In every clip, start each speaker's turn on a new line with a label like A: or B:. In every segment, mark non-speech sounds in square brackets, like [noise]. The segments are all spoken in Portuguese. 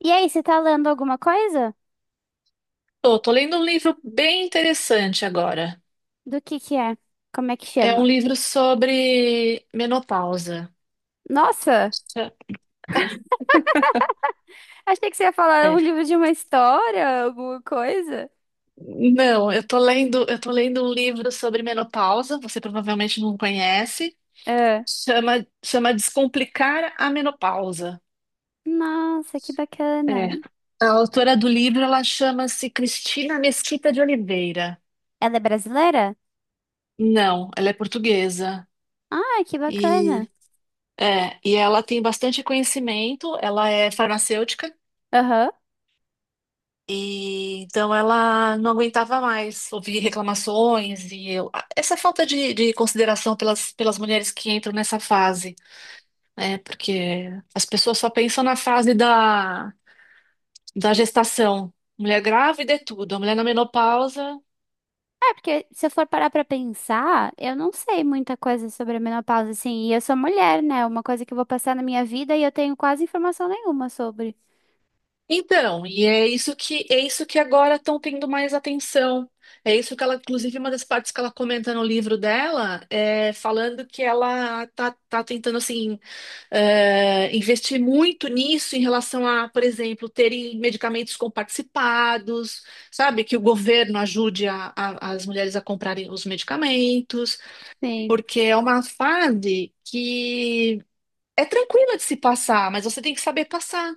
A: E aí, você tá lendo alguma coisa?
B: Tô, tô lendo um livro bem interessante agora.
A: Do que é? Como é que
B: É
A: chama?
B: um livro sobre menopausa.
A: Nossa,
B: É.
A: achei que você ia falar um
B: é.
A: livro de uma história, alguma coisa.
B: Não, eu tô lendo um livro sobre menopausa, você provavelmente não conhece.
A: É.
B: Chama Descomplicar a Menopausa.
A: Nossa, que bacana.
B: É.
A: E
B: A autora do livro, ela chama-se Cristina Mesquita de Oliveira.
A: ela é brasileira?
B: Não, ela é portuguesa.
A: Ah, que bacana.
B: E e ela tem bastante conhecimento, ela é farmacêutica.
A: Aham.
B: E então ela não aguentava mais ouvir reclamações essa falta de consideração pelas mulheres que entram nessa fase, né? Porque as pessoas só pensam na fase da gestação. Mulher grávida é tudo, a mulher na menopausa.
A: É, porque se eu for parar pra pensar, eu não sei muita coisa sobre a menopausa, assim. E eu sou mulher, né? É uma coisa que eu vou passar na minha vida e eu tenho quase informação nenhuma sobre.
B: Então, é isso que agora estão tendo mais atenção. É isso que ela, inclusive, uma das partes que ela comenta no livro dela é falando que ela tá tentando assim investir muito nisso em relação a, por exemplo, terem medicamentos comparticipados, sabe? Que o governo ajude as mulheres a comprarem os medicamentos,
A: Sim.
B: porque é uma fase que é tranquila de se passar, mas você tem que saber passar,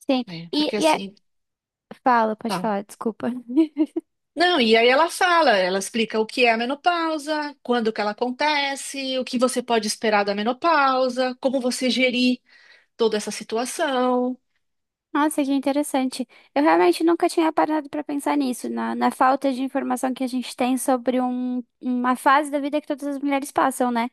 A: Sim.
B: né?
A: E,
B: Porque
A: e é...
B: assim,
A: Fala, pode
B: fala.
A: falar, desculpa. [laughs]
B: Não, e aí ela fala, ela explica o que é a menopausa, quando que ela acontece, o que você pode esperar da menopausa, como você gerir toda essa situação.
A: Nossa, que interessante. Eu realmente nunca tinha parado para pensar nisso, na falta de informação que a gente tem sobre uma fase da vida que todas as mulheres passam, né?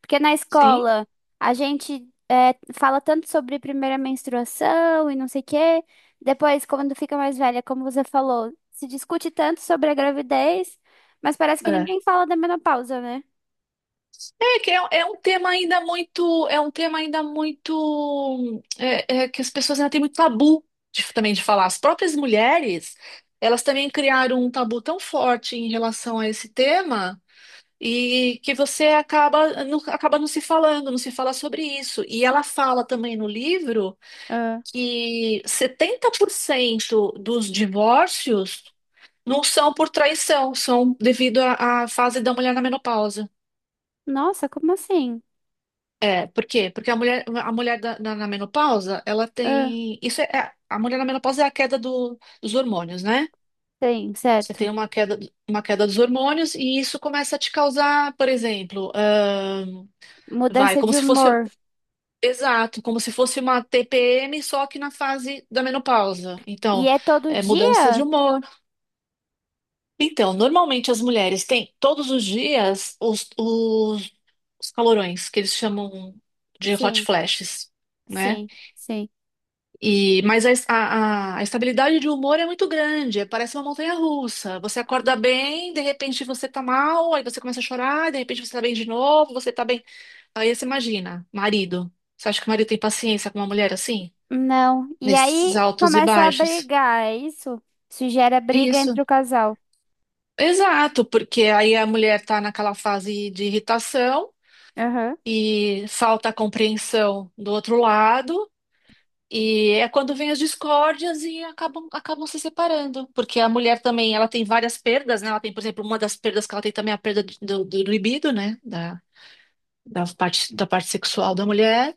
A: Porque na
B: Sim.
A: escola a gente fala tanto sobre primeira menstruação e não sei o quê. Depois, quando fica mais velha, como você falou, se discute tanto sobre a gravidez, mas parece que
B: É,
A: ninguém fala da menopausa, né?
B: é que é, é um tema ainda muito, é um tema ainda muito, é que as pessoas ainda têm muito tabu também de falar. As próprias mulheres, elas também criaram um tabu tão forte em relação a esse tema. E que você acaba não se falando, não se fala sobre isso. E ela fala também no livro
A: Ah.
B: que 70% dos divórcios não são por traição, são devido à fase da mulher na menopausa.
A: Nossa, como assim?
B: É, por quê? Porque a mulher na menopausa, ela
A: Ah.
B: tem. A mulher na menopausa é a queda dos hormônios, né?
A: Sim,
B: Você
A: certo.
B: tem uma queda dos hormônios e isso começa a te causar, por exemplo, vai,
A: Mudança
B: como
A: de
B: se fosse.
A: humor.
B: Exato, como se fosse uma TPM, só que na fase da menopausa.
A: E
B: Então,
A: é todo
B: é mudança de
A: dia?
B: humor. Então, normalmente as mulheres têm todos os dias os calorões, que eles chamam de hot
A: Sim.
B: flashes, né?
A: Sim, sim.
B: Mas a estabilidade de humor é muito grande, parece uma montanha-russa. Você acorda bem, de repente você tá mal, aí você começa a chorar, de repente você tá bem de novo, você tá bem. Aí você imagina, marido. Você acha que o marido tem paciência com uma mulher assim,
A: Não. E
B: nesses
A: aí
B: altos e
A: começa a
B: baixos?
A: brigar, é isso? Isso gera
B: É
A: briga
B: isso,
A: entre o casal.
B: exato, porque aí a mulher está naquela fase de irritação
A: Aham,
B: e falta a compreensão do outro lado, e é quando vem as discórdias e acabam se separando, porque a mulher também ela tem várias perdas, né? Ela tem, por exemplo, uma das perdas que ela tem também é a perda do libido, né? Da parte sexual da mulher.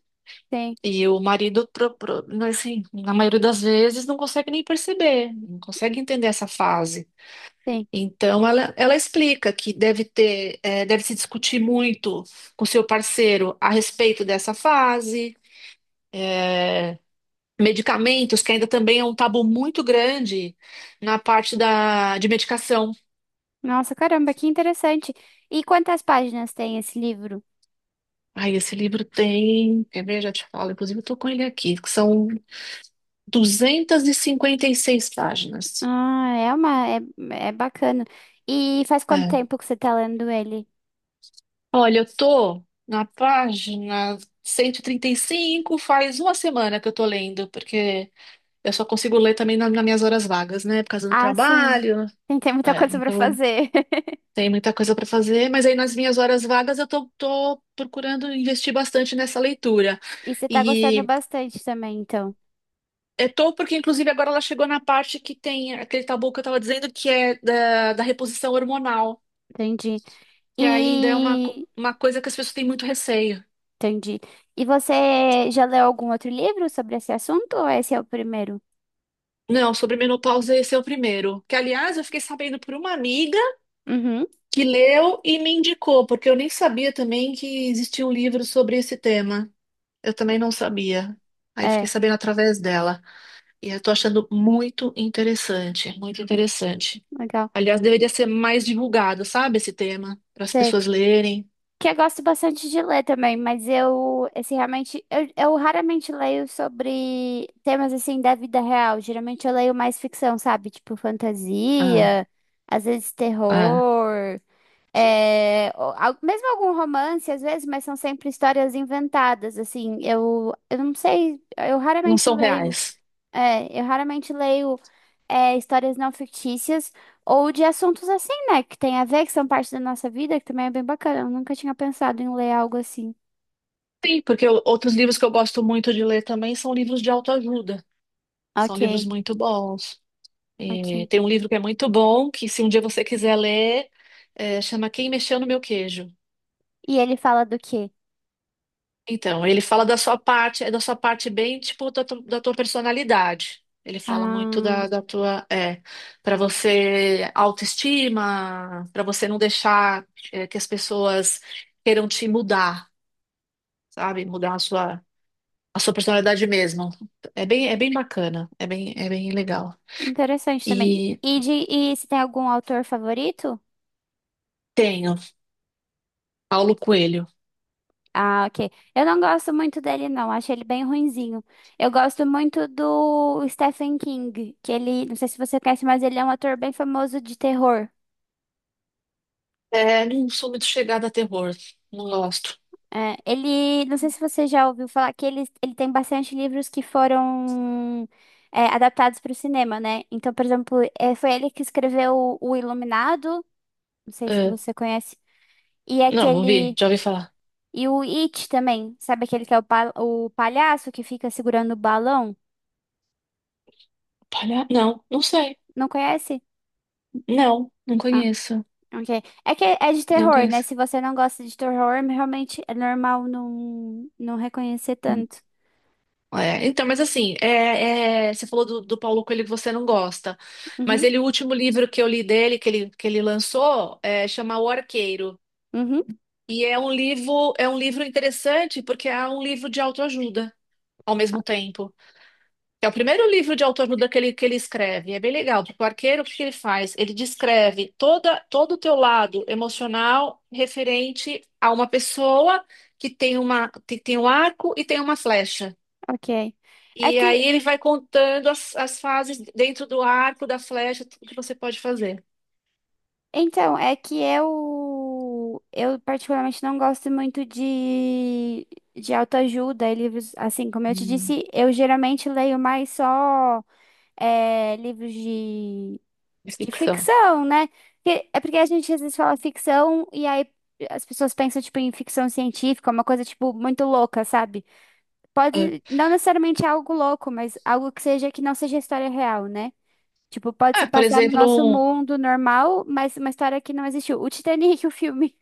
A: sim,
B: E o marido, assim, na maioria das vezes, não consegue nem perceber, não consegue entender essa fase.
A: sim.
B: Então, ela explica que deve ter, deve se discutir muito com seu parceiro a respeito dessa fase, medicamentos, que ainda também é um tabu muito grande na parte de medicação.
A: Nossa, caramba, que interessante. E quantas páginas tem esse livro?
B: Aí, esse livro tem, quer ver, já te falo, inclusive eu estou com ele aqui, que são 256 páginas.
A: Ah, é bacana. E faz quanto
B: É.
A: tempo que você tá lendo ele?
B: Olha, eu tô na página 135, faz uma semana que eu tô lendo, porque eu só consigo ler também nas minhas horas vagas, né? Por causa do
A: Ah, sim.
B: trabalho.
A: Tem muita
B: É,
A: coisa pra
B: então eu não
A: fazer. [laughs]
B: tenho muita coisa para fazer, mas aí nas minhas horas vagas eu tô procurando investir bastante nessa leitura.
A: E você tá gostando
B: E
A: bastante também, então.
B: eu tô porque, inclusive, agora ela chegou na parte que tem aquele tabu que eu estava dizendo que é da reposição hormonal,
A: Entendi.
B: que ainda é
A: E
B: uma coisa que as pessoas têm muito receio.
A: entendi. E você já leu algum outro livro sobre esse assunto ou esse é o primeiro?
B: Não, sobre menopausa esse é o primeiro. Que, aliás, eu fiquei sabendo por uma amiga
A: Uhum,
B: que leu e me indicou, porque eu nem sabia também que existia um livro sobre esse tema. Eu também não sabia. Aí fiquei
A: é,
B: sabendo através dela. E eu tô achando muito interessante, muito interessante.
A: legal.
B: Aliás, deveria ser mais divulgado, sabe, esse tema, para as
A: Sei.
B: pessoas lerem.
A: Que eu gosto bastante de ler também, mas esse realmente, eu raramente leio sobre temas assim da vida real. Geralmente eu leio mais ficção, sabe? Tipo
B: Ah,
A: fantasia, às vezes
B: ah,
A: terror, é, ou mesmo algum romance, às vezes, mas são sempre histórias inventadas, assim. Eu não sei, eu
B: não
A: raramente
B: são
A: leio.
B: reais.
A: É, eu raramente leio é, histórias não fictícias ou de assuntos assim, né? Que tem a ver, que são parte da nossa vida, que também é bem bacana. Eu nunca tinha pensado em ler algo assim.
B: Sim, porque outros livros que eu gosto muito de ler também são livros de autoajuda. São livros
A: Ok,
B: muito bons. É,
A: ok.
B: tem um livro que é muito bom, que se um dia você quiser ler, chama Quem Mexeu no Meu Queijo.
A: E ele fala do quê?
B: Então, ele fala da sua parte, é da sua parte bem, tipo, da tua personalidade. Ele fala muito
A: Ah,
B: da tua, é, para você autoestima, para você não deixar, é, que as pessoas queiram te mudar, sabe? Mudar a sua personalidade mesmo. É bem bacana, é bem legal.
A: interessante também.
B: E
A: E, de, e se tem algum autor favorito?
B: tenho Paulo Coelho.
A: Ah, ok. Eu não gosto muito dele, não. Acho ele bem ruinzinho. Eu gosto muito do Stephen King, que ele, não sei se você conhece, mas ele é um ator bem famoso de terror.
B: É, não sou muito chegada a terror. Não gosto.
A: É, ele, não sei se você já ouviu falar que ele tem bastante livros que foram é, adaptados para o cinema, né? Então, por exemplo, é, foi ele que escreveu O Iluminado, não sei se
B: É,
A: você conhece, e
B: não, ouvi,
A: aquele,
B: já ouvi falar.
A: e o It também, sabe aquele que é o, o palhaço que fica segurando o balão?
B: Palha... Não, não sei.
A: Não conhece?
B: Não, não
A: Ah,
B: conheço.
A: ok. É que é de
B: Não
A: terror, né?
B: conheço.
A: Se você não gosta de terror, realmente é normal não reconhecer tanto.
B: É, então, mas assim, é, é, você falou do Paulo Coelho que você não gosta. Mas
A: Uhum,
B: ele, o último livro que eu li dele, que ele lançou, é, chama O Arqueiro.
A: uhum,
B: E é um livro interessante porque é um livro de autoajuda ao mesmo tempo. É o primeiro livro de autoajuda que ele escreve. É bem legal, porque o arqueiro, o que ele faz? Ele descreve toda, todo o teu lado emocional referente a uma pessoa que tem uma, que tem um arco e tem uma flecha.
A: ok. É
B: E aí
A: que
B: ele vai contando as fases dentro do arco, da flecha, tudo que você pode fazer.
A: então, é que eu particularmente não gosto muito de autoajuda e livros, assim, como eu te
B: Hum,
A: disse, eu geralmente leio mais só é, livros
B: é
A: de
B: ficção.
A: ficção, né? É porque a gente às vezes fala ficção e aí as pessoas pensam, tipo, em ficção científica, uma coisa, tipo, muito louca, sabe?
B: É.
A: Pode, não necessariamente algo louco, mas algo que seja, que não seja história real, né? Tipo, pode se
B: Ah, por
A: passar no
B: exemplo,
A: nosso
B: um,
A: mundo normal, mas uma história que não existiu. O Titanic, o filme.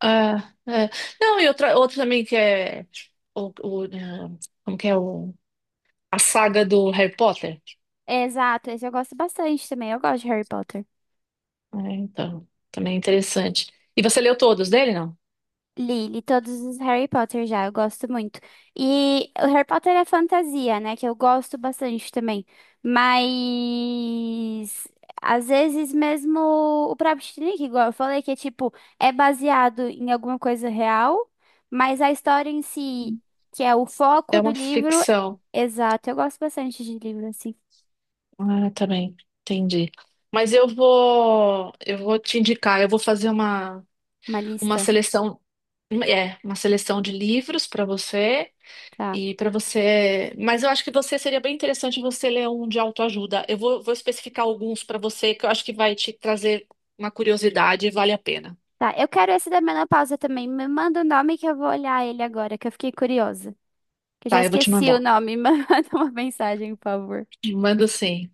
B: ah, é. Não, e outra, outro também que é o, ah, como que é o, a saga do Harry Potter.
A: Exato, esse eu gosto bastante também. Eu gosto de Harry Potter.
B: É, então, também é interessante. E você leu todos dele, não?
A: Li, li todos os Harry Potter já, eu gosto muito. E o Harry Potter é fantasia, né? Que eu gosto bastante também. Mas às vezes mesmo o próprio Titanic, igual eu falei, que é tipo, é baseado em alguma coisa real, mas a história em si, que é o
B: É
A: foco do
B: uma
A: livro,
B: ficção.
A: exato. Eu gosto bastante de livro, assim,
B: Ah, também, entendi. Mas eu vou te indicar, eu vou fazer
A: uma
B: uma
A: lista.
B: seleção, uma seleção de livros para você
A: Tá.
B: e para você, mas eu acho que você seria bem interessante você ler um de autoajuda. Vou especificar alguns para você que eu acho que vai te trazer uma curiosidade e vale a pena.
A: Tá, eu quero esse da menopausa também. Me manda o nome que eu vou olhar ele agora, que eu fiquei curiosa. Que eu já
B: Tá, eu vou te
A: esqueci o
B: mandar.
A: nome. [laughs] Mas manda uma mensagem, por favor.
B: Mando sim.